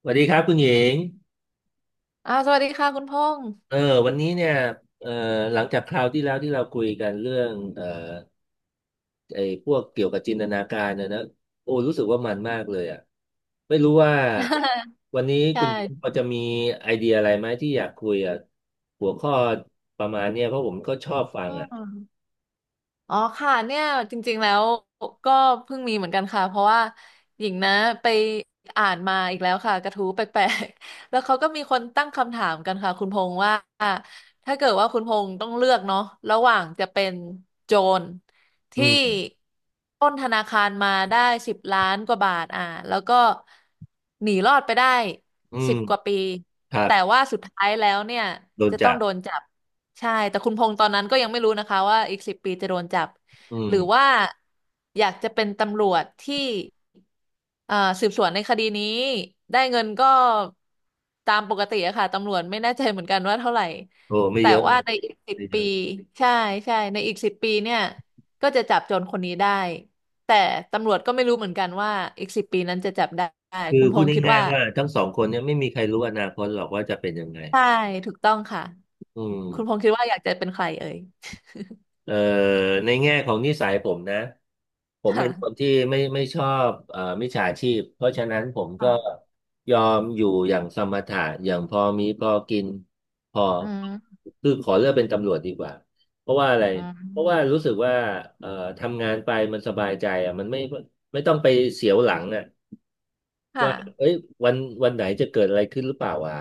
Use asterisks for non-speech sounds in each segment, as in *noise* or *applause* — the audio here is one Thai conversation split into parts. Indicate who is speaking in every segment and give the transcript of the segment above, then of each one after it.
Speaker 1: สวัสดีครับคุณหญิง
Speaker 2: อาวสวัสดีค่ะคุณพงษ์
Speaker 1: เออวันนี้เนี่ยเออหลังจากคราวที่แล้วที่เราคุยกันเรื่องไอ้พวกเกี่ยวกับจินตนาการนะโอ้รู้สึกว่ามันมากเลยอ่ะไม่รู้ว่า
Speaker 2: *laughs*
Speaker 1: วันนี้
Speaker 2: ใช
Speaker 1: คุณหญิงพอ
Speaker 2: ่
Speaker 1: จะมีไอเดียอะไรไหมที่อยากคุยอ่ะหัวข้อประมาณเนี้ยเพราะผมก็ชอบฟัง
Speaker 2: อ๋อ
Speaker 1: อ่ะ
Speaker 2: อ๋อค่ะเนี่ยจริงๆแล้วก็เพิ่งมีเหมือนกันค่ะเพราะว่าหญิงนะไปอ่านมาอีกแล้วค่ะกระทู้แปลกๆ *laughs* แล้วเขาก็มีคนตั้งคำถามกันค่ะคุณพงษ์ว่าถ้าเกิดว่าคุณพงษ์ต้องเลือกเนาะระหว่างจะเป็นโจร
Speaker 1: อื
Speaker 2: ที่
Speaker 1: ม
Speaker 2: ปล้นธนาคารมาได้10 ล้านกว่าบาทอ่าแล้วก็หนีรอดไปได้
Speaker 1: อื
Speaker 2: สิ
Speaker 1: ม
Speaker 2: บกว่าปี
Speaker 1: ครับ
Speaker 2: แต่ว่าสุดท้ายแล้วเนี่ย
Speaker 1: โดน
Speaker 2: จะต้อ
Speaker 1: จั
Speaker 2: ง
Speaker 1: บ
Speaker 2: โดนจับ ใช่แต่คุณพงษ์ตอนนั้นก็ยังไม่รู้นะคะว่าอีกสิบปีจะโดนจับ
Speaker 1: อื
Speaker 2: ห
Speaker 1: ม
Speaker 2: รือว่าอยากจะเป็นตำรวจที่เอ่อสืบสวนในคดีนี้ได้เงินก็ตามปกติอะค่ะตำรวจไม่แน่ใจเหมือนกันว่าเท่าไหร่
Speaker 1: โอ้ไม่
Speaker 2: แต่
Speaker 1: เยอะหร
Speaker 2: ว่า
Speaker 1: อก
Speaker 2: ในอีกสิบ
Speaker 1: ไม่เย
Speaker 2: ปี
Speaker 1: อะ
Speaker 2: ใช่ใช่ในอีกสิบปีเนี่ยก็จะจับโจรคนนี้ได้แต่ตำรวจก็ไม่รู้เหมือนกันว่าอีกสิบปีนั้นจะจับได้
Speaker 1: คือ
Speaker 2: คุณพ
Speaker 1: พูด
Speaker 2: งษ์คิด
Speaker 1: ง่าย
Speaker 2: ว่า
Speaker 1: ๆว่าทั้งสองคนเนี่ยไม่มีใครรู้อนาคตหรอกว่าจะเป็นยังไง
Speaker 2: ใช่ถูกต้องค่ะ
Speaker 1: อื
Speaker 2: คุณพง
Speaker 1: ม
Speaker 2: ษ์คิดว่าอยากจะเป็นใครเอ่ย
Speaker 1: เอ่อในแง่ของนิสัยผมนะผมเป็นคน
Speaker 2: ค่
Speaker 1: ที่ไม่ชอบมิจฉาชีพเพราะฉะนั้นผมก็
Speaker 2: ะ
Speaker 1: ยอมอยู่อย่างสมถะอย่างพอมีพอกินพอ
Speaker 2: อืม
Speaker 1: คือขอเลือกเป็นตำรวจดีกว่าเพราะว่าอะไร
Speaker 2: อื
Speaker 1: เพราะว่า
Speaker 2: ม
Speaker 1: รู้สึกว่าเอ่อทำงานไปมันสบายใจอ่ะมันไม่ต้องไปเสียวหลังอ่ะ
Speaker 2: ค่ะ
Speaker 1: ว่าเอ้ยวันวันไหนจะเกิดอะไรขึ้นหรือเปล่าวะ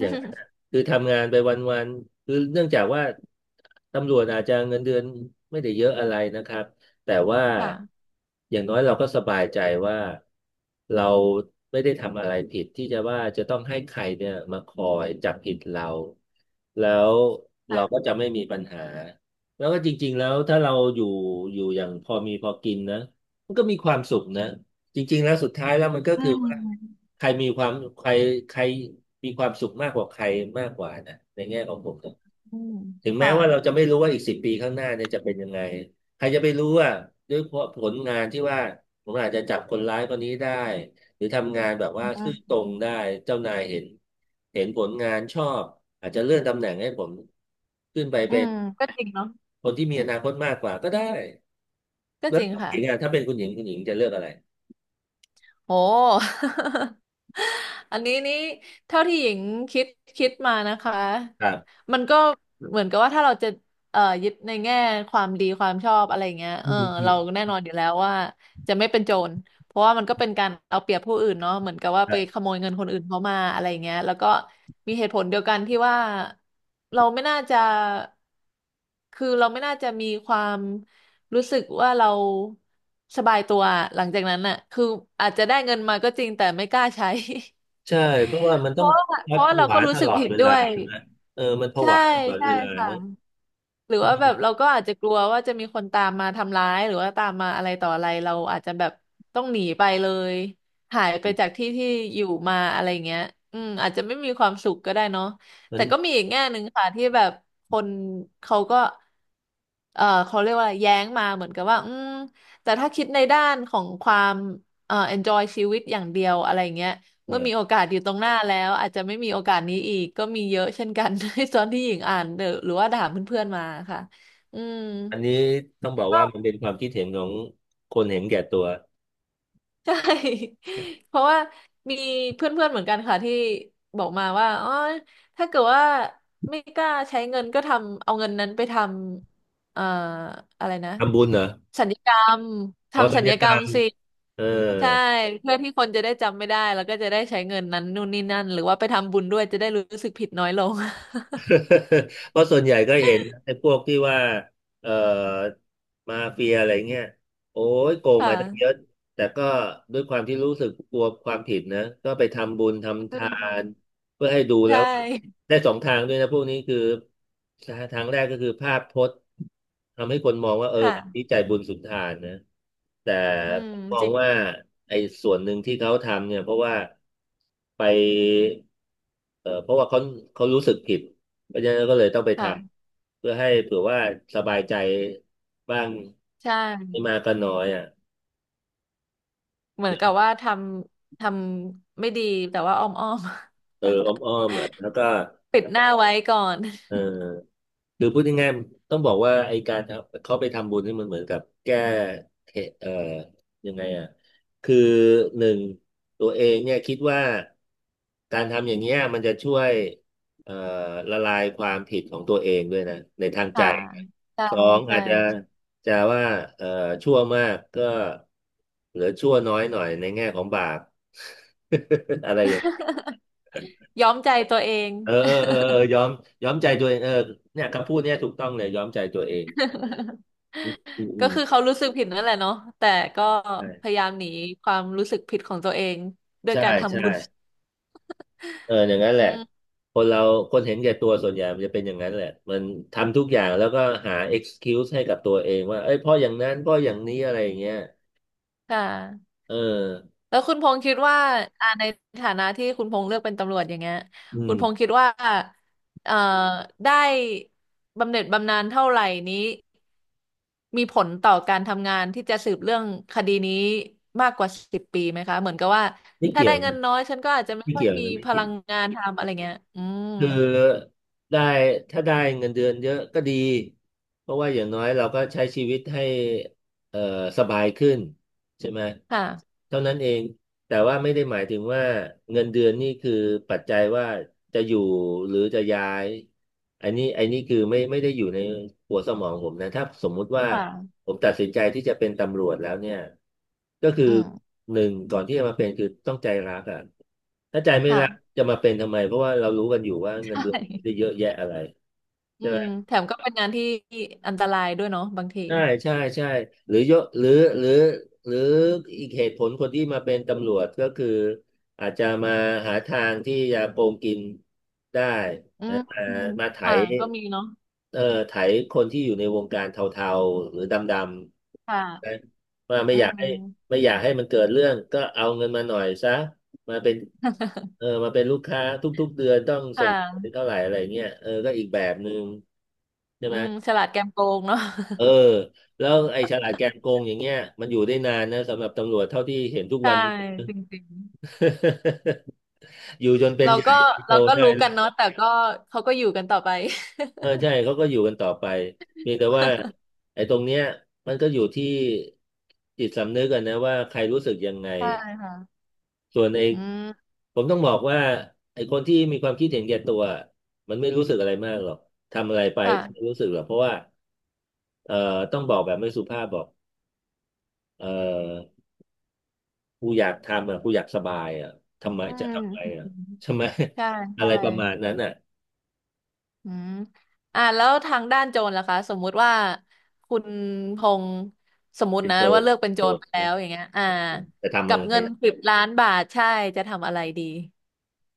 Speaker 1: อย่างนั้นนะ คือทำงานไปวันๆคือเนื่องจากว่าตำรวจอาจจะเงินเดือนไม่ได้เยอะอะไรนะครับแต่ว่า
Speaker 2: ค่ะ
Speaker 1: อย่างน้อยเราก็สบายใจว่าเราไม่ได้ทำอะไรผิดที่จะว่าจะต้องให้ใครเนี่ยมาคอยจับผิดเราแล้วเราก็จะไม่มีปัญหาแล้วก็จริงๆแล้วถ้าเราอยู่อย่างพอมีพอกินนะมันก็มีความสุขนะ จริงๆแล้วสุดท้ายแล้วมันก็
Speaker 2: อื
Speaker 1: คือว่า
Speaker 2: ม
Speaker 1: ใครมีความใครใครมีความสุขมากกว่าใครมากกว่านะในแง่ของผมนะ
Speaker 2: อืม
Speaker 1: ถึงแม้
Speaker 2: ค่ะ
Speaker 1: ว่าเราจะไม่รู้ว่าอีก10 ปีข้างหน้าเนี่ยจะเป็นยังไงใครจะไปรู้ว่าด้วยเพราะผลงานที่ว่าผมอาจจะจับคนร้ายคนนี้ได้หรือทำงานแบบ
Speaker 2: อื
Speaker 1: ว่าซื่อตรงได้
Speaker 2: ม
Speaker 1: เจ้านายเห็นผลงานชอบอาจจะเลื่อนตำแหน่งให้ผมขึ้นไป
Speaker 2: อื
Speaker 1: เป็น
Speaker 2: มก็จริงเนาะ
Speaker 1: คนที่มีอนาคตมากกว่าก็ได้
Speaker 2: ก็
Speaker 1: แล้ว
Speaker 2: จริง
Speaker 1: คุณ
Speaker 2: ค่ะ
Speaker 1: หญิงอ่ะถ้าเป็นคุณหญิงคุณหญิงจะเลือกอะไร
Speaker 2: โห *laughs* อันนี้นี่เท่าที่หญิงคิดคิดมานะคะ
Speaker 1: ครับ
Speaker 2: มันก็เหมือนกับว่าถ้าเราจะยึดในแง่ความดีความชอบอะไรเงี้ย
Speaker 1: อื
Speaker 2: เอ
Speaker 1: ม
Speaker 2: อ
Speaker 1: อื
Speaker 2: เรา
Speaker 1: ม
Speaker 2: แน่นอนอยู่แล้วว่าจะไม่เป็นโจร เพราะว่ามันก็เป็นการเอาเปรียบผู้อื่นเนาะเหมือนกับว่าไปขโมยเงินคนอื่นเขามาอะไรอย่างเงี้ยแล้วก็มีเหตุผลเดียวกันที่ว่าเราไม่น่าจะคือเราไม่น่าจะมีความรู้สึกว่าเราสบายตัวหลังจากนั้นน่ะคืออาจจะได้เงินมาก็จริงแต่ไม่กล้าใช้
Speaker 1: ใช่เพราะว่ามั
Speaker 2: *laughs*
Speaker 1: น
Speaker 2: เพ
Speaker 1: ต้อง
Speaker 2: ราะว่าเพ
Speaker 1: วัด
Speaker 2: ราะ
Speaker 1: ผ
Speaker 2: ว่าเรา
Speaker 1: วา
Speaker 2: ก็รู้
Speaker 1: ต
Speaker 2: สึ
Speaker 1: ล
Speaker 2: ก
Speaker 1: อด
Speaker 2: ผิด
Speaker 1: เว
Speaker 2: ด้
Speaker 1: ลา
Speaker 2: วย
Speaker 1: ใช่ไหมเออมันผ
Speaker 2: ใช่
Speaker 1: วาตลอด
Speaker 2: ใช่
Speaker 1: เวลา
Speaker 2: ค่ะ
Speaker 1: เนอะ
Speaker 2: หรือว่าแบบ
Speaker 1: ก็
Speaker 2: เราก็อาจจะกลัวว่าจะมีคนตามมาทำร้ายหรือว่าตามมาอะไรต่ออะไรเราอาจจะแบบต้องหนีไปเลยหายไปจากที่ที่อยู่มาอะไรเงี้ยอืมอาจจะไม่มีความสุขก็ได้เนาะ
Speaker 1: มั
Speaker 2: แต่
Speaker 1: น
Speaker 2: ก็มีอีกแง่หนึ่งค่ะที่แบบคนเขาก็เขาเรียกว่าอะไรแย้งมาเหมือนกับว่าอืมแต่ถ้าคิดในด้านของความenjoy ชีวิตอย่างเดียวอะไรเงี้ย
Speaker 1: เอ
Speaker 2: เมื่อมีโอ
Speaker 1: อ
Speaker 2: กาสอยู่ตรงหน้าแล้วอาจจะไม่มีโอกาสนี้อีกก็มีเยอะเช่นกัน *laughs* ในตอนที่หญิงอ่านเดอะหรือว่าถามเพื่อนๆมาค่ะอืม
Speaker 1: อันนี้ต้องบอก
Speaker 2: *laughs* ก็
Speaker 1: ว่ามันเป็นความคิดเห็นของคนเห็นแก่ตัว
Speaker 2: ใช่ *laughs* เพราะว่ามีเพื่อนๆเหมือนกันค่ะที่บอกมาว่าอ๋อถ้าเกิดว่าไม่กล้าใช้เงินก็ทำเอาเงินนั้นไปทำอะไรนะ
Speaker 1: ทำบุญเหรอ
Speaker 2: สัญญกรรม
Speaker 1: อ๋อ
Speaker 2: ทำ
Speaker 1: สั
Speaker 2: สั
Speaker 1: ญ
Speaker 2: ญญ
Speaker 1: ญาก
Speaker 2: ก
Speaker 1: ร
Speaker 2: รรม
Speaker 1: รม
Speaker 2: สิ
Speaker 1: เออ
Speaker 2: ใช่เพื่อที่คนจะได้จำไม่ได้แล้วก็จะได้ใช้เงินนั้นนู่นนี่นั่นหรือว่าไปทำบุญด้วยจะได้รู้สึกผิดน้อยลง *laughs*
Speaker 1: *laughs* เพราะส่วนใหญ่ก็เห็นไอ้พวกที่ว่าเอ่อมาเฟียอะไรเงี้ยโอ้ยโกง
Speaker 2: ค่
Speaker 1: มาตั้งเยอะ
Speaker 2: ะ
Speaker 1: แต่ก็ด้วยความที่รู้สึกกลัวความผิดนะก็ไปทำบุญ
Speaker 2: อื
Speaker 1: ทำทาน
Speaker 2: ม
Speaker 1: เพื่อให้ดู
Speaker 2: ใช
Speaker 1: แล้วว่า
Speaker 2: ่
Speaker 1: ได้สองทางด้วยนะพวกนี้คือทางแรกก็คือภาพพจน์ทำให้คนมองว่าเออคนนี้
Speaker 2: ค่ะ
Speaker 1: ใจบุญสุนทานนะแต่
Speaker 2: อืม
Speaker 1: มอ
Speaker 2: จ
Speaker 1: ง
Speaker 2: ริง
Speaker 1: ว่าไอ้ส่วนหนึ่งที่เขาทำเนี่ยเพราะว่าไปเออเพราะว่าเขารู้สึกผิด เพราะฉะนั้นก็เลยต้องไปท
Speaker 2: ค่ะ
Speaker 1: ำเพื่อให้เผื่อว่าสบายใจบ้าง
Speaker 2: ใช่
Speaker 1: ไม่มากก็น้อยอ่ะ
Speaker 2: เหมือนกับว่าทำไม่ดีแต่ว่าอ้อมอ้อม
Speaker 1: เอออ้
Speaker 2: *laughs*
Speaker 1: อมๆอ่ะแล้วก็
Speaker 2: ปิดหน้าไว้ก่อน
Speaker 1: เออ หรือพูดง่ายๆต้องบอกว่าไอการทำเขาไปทำบุญนี่มันเหมือนกับแก้เทเอ่อยังไงอ่ะคือหนึ่งตัวเองเนี่ยคิดว่าการทำอย่างเงี้ยมันจะช่วยเอ่อละลายความผิดของตัวเองด้วยนะในทางใจ
Speaker 2: ค่ะใช่
Speaker 1: สอง
Speaker 2: ใช่
Speaker 1: อาจจะจะว่าเอ่อชั่วมากก็เหลือชั่วน้อยหน่อยในแง่ของบาป *laughs* อะไรอย่างเงี้ย
Speaker 2: ย้อมใจตัวเอง
Speaker 1: เออยอมใจตัวเองเออเนี่ยคำพูดเนี่ยถูกต้องเลยยอมใจตัวเอง อืม
Speaker 2: *laughs*
Speaker 1: อื
Speaker 2: ก็
Speaker 1: ม
Speaker 2: คือเขารู้สึกผิดนั่นแหละเนาะแต่ก็
Speaker 1: ใช่
Speaker 2: พยายามหนีความรู้สึกผิดของตัวเองด้วย
Speaker 1: ใช่
Speaker 2: การทำ
Speaker 1: ใช่
Speaker 2: บุญ
Speaker 1: เอออย่างนั้นแห
Speaker 2: อื
Speaker 1: ละ
Speaker 2: ม
Speaker 1: คนเราคนเห็นแก่ตัวส่วนใหญ่มันจะเป็นอย่างนั้นแหละมันทำทุกอย่างแล้วก็หา excuse ให้กับตัวเองว่าเอ้ยเพราะอย่างนั้นเพราะอย่างนี้อะไรอย่างเงี้ย
Speaker 2: ค่ะ
Speaker 1: เออ
Speaker 2: แล้วคุณพงษ์คิดว่าอ่าในฐานะที่คุณพงษ์เลือกเป็นตำรวจอย่างเงี้ย
Speaker 1: อื
Speaker 2: คุ
Speaker 1: ม
Speaker 2: ณพงษ์คิดว่าเอ่อได้บำเหน็จบำนาญเท่าไหร่นี้มีผลต่อการทำงานที่จะสืบเรื่องคดีนี้มากกว่าสิบปีไหมคะเหมือนกับว่า
Speaker 1: ไม่
Speaker 2: ถ้า
Speaker 1: เกี่ย
Speaker 2: ได้
Speaker 1: ว
Speaker 2: เงิน
Speaker 1: นะ
Speaker 2: น้อยฉันก็อาจจะไม่
Speaker 1: ไม่
Speaker 2: ค่อย
Speaker 1: เกี่ยว
Speaker 2: มี
Speaker 1: นะไม่
Speaker 2: พ
Speaker 1: เกี่ย
Speaker 2: ลั
Speaker 1: ว
Speaker 2: งงานทำอะไรเงี้ยอืม
Speaker 1: คือได้ถ้าได้เงินเดือนเยอะก็ดีเพราะว่าอย่างน้อยเราก็ใช้ชีวิตให้เอ่อสบายขึ้น ใช่ไหม
Speaker 2: ค่ะ
Speaker 1: เท่านั้นเองแต่ว่าไม่ได้หมายถึงว่าเงินเดือนนี่คือปัจจัยว่าจะอยู่หรือจะย้ายอันนี้คือไม่ได้อยู่ในหัวสมองผมนะถ้าสมมุติว่า
Speaker 2: ค่ะ
Speaker 1: ผมตัดสินใจที่จะเป็นตำรวจแล้วเนี่ยก็คือ
Speaker 2: อืม
Speaker 1: หนึ่งก่อนที่จะมาเป็นคือต้องใจรักอ่ะถ้าใจไม่
Speaker 2: ค่ะ
Speaker 1: รักจะมาเป็นทำไมเพราะว่าเรารู้กันอยู่ว่าเงิน
Speaker 2: ใช่
Speaker 1: เดือนไม่ได้เยอะแยะอะไร
Speaker 2: อื
Speaker 1: ใช่ไหม
Speaker 2: มแถมก็เป็นงานที่อันตรายด้วยเนาะบางที
Speaker 1: ใช่ใช่ใช่หรือยกหรือหรือหรืออีกเหตุผลคนที่มาเป็นตำรวจก็คืออาจจะมาหาทางที่จะโกงกินได้
Speaker 2: อื
Speaker 1: นะ
Speaker 2: ม
Speaker 1: มา
Speaker 2: อืม
Speaker 1: มาไถ
Speaker 2: ค่ะก็มีเนาะ
Speaker 1: เอ่อไถคนที่อยู่ในวงการเทาๆหรือดำๆนะ
Speaker 2: ค่ะ
Speaker 1: มาไม่
Speaker 2: อื
Speaker 1: อยากให้
Speaker 2: ม
Speaker 1: ไม่อยากให้มันเกิดเรื่องก็เอาเงินมาหน่อยซะมาเป็นเออมาเป็นลูกค้าทุกๆเดือนต้องส่
Speaker 2: ค่ะ
Speaker 1: งเท่าไหร่อะไรเงี้ยเออก็อีกแบบหนึ่งใช่
Speaker 2: อื
Speaker 1: ไหม
Speaker 2: มฉลาดแกมโกงเนาะ
Speaker 1: เออแล้วไอ้ฉลาดแกมโกงอย่างเงี้ยมันอยู่ได้นานนะสำหรับตำรวจเท่าที่เห็นทุก
Speaker 2: *laughs* ใช่
Speaker 1: วันนี้
Speaker 2: จริง
Speaker 1: *laughs* อยู่จนเป็
Speaker 2: ๆ
Speaker 1: น
Speaker 2: เรา
Speaker 1: ใหญ่
Speaker 2: ก็
Speaker 1: โต
Speaker 2: เราก็
Speaker 1: ได้
Speaker 2: รู้
Speaker 1: เล
Speaker 2: กั
Speaker 1: ย
Speaker 2: นเนาะแต่ก็เขาก็อยู่กันต่อไป
Speaker 1: เออใช่เขาก็อยู่กันต่อไปเพียงแต่ว่าไอ้ตรงเนี้ยมันก็อยู่ที่จิตสำนึกกันนะว่าใครรู้สึกยังไง
Speaker 2: *laughs* ใช่ค่ะ
Speaker 1: ส่วนไอ้
Speaker 2: อืม
Speaker 1: ผมต้องบอกว่าไอ้คนที่มีความคิดเห็นแก่ตัวมันไม่รู้สึกอะไรมากหรอกทำอะไรไปก็ไม่
Speaker 2: ค่ะ
Speaker 1: รู้สึกหรอกเพราะว่าเอ่อต้องบอกแบบไม่สุภาพบอกเอ่อ กูอยากทำอ่ะกูอยากสบายอ่ะทำไม
Speaker 2: อื
Speaker 1: จะ
Speaker 2: ม
Speaker 1: ทำไมอ่ะ
Speaker 2: อืม
Speaker 1: ใช่ไหม
Speaker 2: ใช่
Speaker 1: *laughs* อะ
Speaker 2: ใช่
Speaker 1: ไรประมาณนั้นอ่ะ
Speaker 2: อืมอ่าแล้วทางด้านโจรล่ะคะสมมุติว่าคุณพงษ์สมมุ
Speaker 1: เป็
Speaker 2: ติ
Speaker 1: น
Speaker 2: นะ
Speaker 1: โจ
Speaker 2: ว่า
Speaker 1: ร
Speaker 2: เลือกเป็นโจ
Speaker 1: โจร
Speaker 2: รไปแล้
Speaker 1: นะ
Speaker 2: วอย่างเงี้ยอ่า
Speaker 1: จะทำ
Speaker 2: กั
Speaker 1: อะ
Speaker 2: บ
Speaker 1: ไร
Speaker 2: เงิน10 ล้านบาทใช่จะทำอะไรดี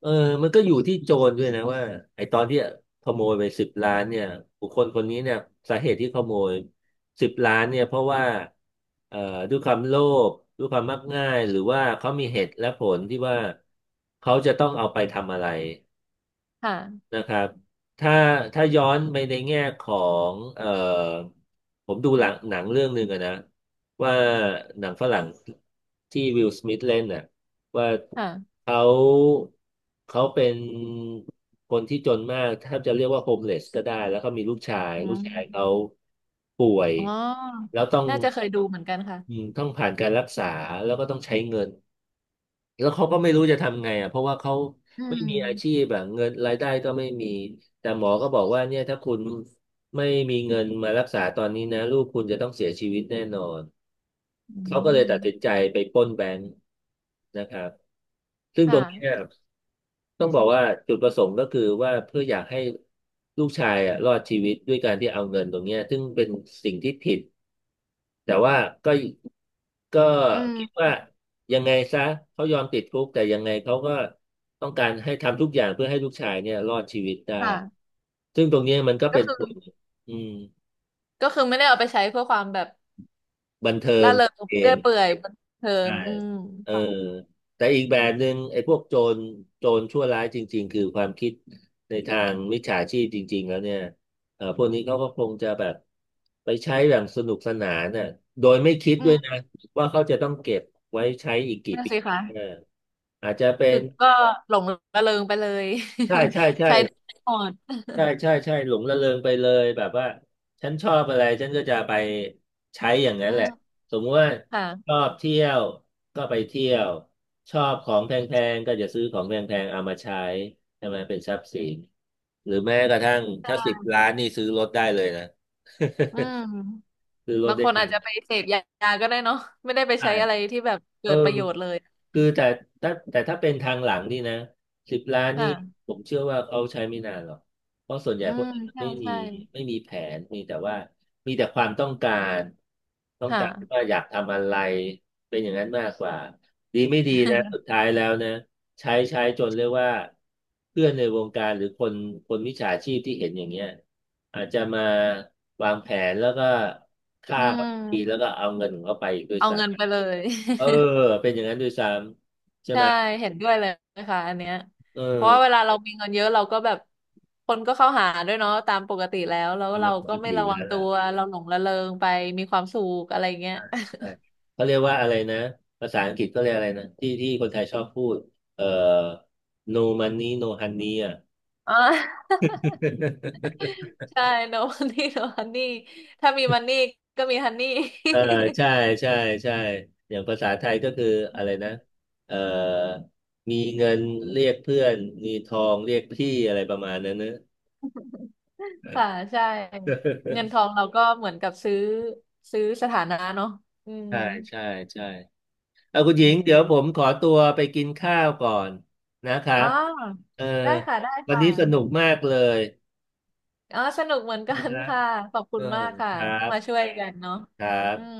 Speaker 1: เออมันก็อยู่ที่โจรด้วยนะว่าไอ้ตอนที่ขโมยไปสิบล้านเนี่ยบุคคลคนนี้เนี่ยสาเหตุที่ขโมยสิบล้านเนี่ยเพราะว่าเอ่อด้วยความโลภด้วยความมักง่ายหรือว่าเขามีเหตุและผลที่ว่าเขาจะต้องเอาไปทำอะไร
Speaker 2: ค่ะ
Speaker 1: นะครับถ้าถ้าย้อนไปในแง่ของผมดูหลังหนังเรื่องหนึ่งอะนะว่าหนังฝรั่งที่วิลสมิธเล่นน่ะว่า
Speaker 2: ค่ะ
Speaker 1: เขาเขาเป็นคนที่จนมากแทบจะเรียกว่าโฮมเลสก็ได้แล้วเขามีลูกชาย
Speaker 2: อื
Speaker 1: ลูก
Speaker 2: ม
Speaker 1: ชายเขาป่วย
Speaker 2: อ๋อ
Speaker 1: แล้วต้อง
Speaker 2: น่าจะเคยดูเหมือนกันค่ะ
Speaker 1: อืมต้องผ่านการรักษาแล้วก็ต้องใช้เงิน แล้วเขาก็ไม่รู้จะทำไงอ่ะเพราะว่าเขา
Speaker 2: อื
Speaker 1: ไม่มีอาชี
Speaker 2: ม
Speaker 1: พแบบเงินรายได้ก็ไม่มีแต่หมอก็บอกว่าเนี่ยถ้าคุณไม่มีเงินมารักษาตอนนี้นะลูกคุณจะต้องเสียชีวิตแน่นอน
Speaker 2: อื
Speaker 1: เขาก็เลย
Speaker 2: ม
Speaker 1: ตัดสินใจไปปล้นแบงค์นะครับซึ่ง
Speaker 2: ค
Speaker 1: ตรงเนี้ย
Speaker 2: ่ะ
Speaker 1: ต้องบอกว่าจุดประสงค์ก็คือว่าเพื่ออยากให้ลูกชายอ่ะรอดชีวิตด้วยการที่เอาเงินตรงเนี้ยซึ่งเป็นสิ่งที่ผิด แต่ว่าก็ก็
Speaker 2: อื
Speaker 1: คิด
Speaker 2: ม
Speaker 1: ว่ายังไงซะเขายอมติดคุกแต่ยังไงเขาก็ต้องการให้ทำทุกอย่างเพื่อให้ลูกชายเนี่ยรอดชีวิตได้
Speaker 2: ค่ะ
Speaker 1: ซึ่งตรงเนี้ยมันก็
Speaker 2: ก็
Speaker 1: เป็น
Speaker 2: คือ
Speaker 1: ส่วนหนึ่งอืม
Speaker 2: ก็คือไม่ได้เอาไปใช้เพื่อความแบบ
Speaker 1: บันเทิ
Speaker 2: ร่า
Speaker 1: ง
Speaker 2: เริง
Speaker 1: เอ
Speaker 2: เรื่อ
Speaker 1: ง
Speaker 2: ยเปื่อยบันเทิ
Speaker 1: ใช่
Speaker 2: งอืม
Speaker 1: เออ
Speaker 2: ค่ะ
Speaker 1: แต่อีกแบบหนึ่งไอ้พวกโจรโจรชั่วร้ายจริงๆ คือความคิดในทางมิจฉาชีพจริงๆแล้วเนี่ยเออพวกนี้เขาก็คงจะแบบไปใช้อย่างสนุกสนานน่ะโดยไม่คิด
Speaker 2: อื
Speaker 1: ด้ว
Speaker 2: ม
Speaker 1: ยนะว่าเขาจะต้องเก็บไว้ใช้อีกกี่
Speaker 2: นั่น
Speaker 1: ปี
Speaker 2: สิคะ
Speaker 1: เอออาจจะเป็
Speaker 2: คื
Speaker 1: น
Speaker 2: อก็หลงระเริงไปเลย
Speaker 1: ใช่ใช่
Speaker 2: *laughs*
Speaker 1: ใช่
Speaker 2: ใช้ได้หมด
Speaker 1: ใช่ใช่ใช่หลงระเริงไปเลยแบบว่าฉันชอบอะไรฉันก็จะไปใช้อย่างนั้น
Speaker 2: อื
Speaker 1: แหละ
Speaker 2: ม
Speaker 1: สมมติว่า
Speaker 2: ค่ะ
Speaker 1: ชอบเที่ยวก็ไปเที่ยวชอบของแพงๆก็จะซื้อของแพงๆเอามาใช้ใช่ไหมเป็นทรัพย์สินหรือแม้กระทั่งถ้าสิบล้านนี่ซื้อรถได้เลยนะ
Speaker 2: อืม
Speaker 1: *laughs* ซื้อรถ
Speaker 2: บางค
Speaker 1: ได้
Speaker 2: นอา
Speaker 1: กั
Speaker 2: จ
Speaker 1: น
Speaker 2: จะไปเสพยาก็ได้เนาะไม่ได้ไป
Speaker 1: ใช่
Speaker 2: ใช้อะไรที่แบบ
Speaker 1: เอ
Speaker 2: เกิ
Speaker 1: อ
Speaker 2: ดประโยชน์เลย
Speaker 1: คือแต่แต่ถ้าเป็นทางหลังนี่นะสิบล้านนี่
Speaker 2: ค่ะ
Speaker 1: ผมเชื่อว่าเขาใช้ไม่นานหรอกเพราะส่วนใหญ่
Speaker 2: อื
Speaker 1: พวก
Speaker 2: ม
Speaker 1: นี้มัน
Speaker 2: ใช่
Speaker 1: ไม่มี
Speaker 2: ใช่
Speaker 1: ไม่มีแผนมีแต่ว่ามีแต่ความต้องการต้องการ
Speaker 2: ค่ะ
Speaker 1: ว่าอยากทำอะไรเป็นอย่างนั้นมากกว่าดีไม่ดีนะสุดท้ายแล้วนะใช้จนเรียกว่าเพื่อนในวงการหรือคนมิจฉาชีพที่เห็นอย่างเงี้ยอาจจะมาวางแผนแล้วก็ฆ่า
Speaker 2: อื
Speaker 1: เขา
Speaker 2: ม
Speaker 1: อีกทีแล้วก็
Speaker 2: *laughs*
Speaker 1: เอาเงินของเขาไปอีกด้วย
Speaker 2: เอาเงินไป
Speaker 1: ซ้ำ
Speaker 2: เลย
Speaker 1: เออเป็นอย่างนั้นด้วยซ้ำใช่ไห
Speaker 2: ใช่
Speaker 1: ม
Speaker 2: เห็นด้วยเลยค่ะอันเนี้ย
Speaker 1: เอ
Speaker 2: เพราะว่าเว
Speaker 1: อ
Speaker 2: ลาเรามีเงินเยอะเราก็แบบคนก็เข้าหาด้วยเนาะตามปกติแล้วแล้ว
Speaker 1: ทำ
Speaker 2: เรา
Speaker 1: มันป
Speaker 2: ก็
Speaker 1: ก
Speaker 2: ไม่
Speaker 1: ติอ
Speaker 2: ระ
Speaker 1: ยู่
Speaker 2: วัง
Speaker 1: แล้ว
Speaker 2: ตั
Speaker 1: ล่ะ
Speaker 2: วเราหลงระเริงไปมีความสุขอะไรเงี้ย
Speaker 1: ใช่เขาเรียกว่าอะไรนะภาษาอังกฤษเขาเรียกอะไรนะที่คนไทยชอบพูดเอ่อ no money no honey อ่ะ
Speaker 2: *laughs* อ่า *laughs*
Speaker 1: *laughs*
Speaker 2: ใช่ no money no honey ถ้ามีมันนี่ก็มีฮันนี่
Speaker 1: เออใช่ใช่ใช่อย่างภาษาไทยก็คืออะไรนะเออมีเงินเรียกเพื่อนมีทองเรียกพี่อะไรประมาณนั้นเนอะ
Speaker 2: *laughs* ค่ะใช่เงินท
Speaker 1: *laughs*
Speaker 2: องเราก็เหมือนกับซื้อสถานะเนาะอืม
Speaker 1: ใช่ใช่ใช่ เอาคุณห
Speaker 2: อื
Speaker 1: ญิงเดี๋ย
Speaker 2: ม
Speaker 1: วผมขอตัวไปกินข้าวก่อนนะครั
Speaker 2: อ๋อ
Speaker 1: บเออ
Speaker 2: ได้ค่ะได้
Speaker 1: วัน
Speaker 2: ค่ะ
Speaker 1: นี้สนุกมากเลย
Speaker 2: อ๋อสนุกเหมือนกั
Speaker 1: นะค
Speaker 2: น
Speaker 1: รับ
Speaker 2: ค่ะขอบคุ
Speaker 1: เออ
Speaker 2: ณมากค่ะ
Speaker 1: ครั
Speaker 2: ที่มา
Speaker 1: บ
Speaker 2: ช่วยกันเนาะ
Speaker 1: ครั
Speaker 2: อืม
Speaker 1: บ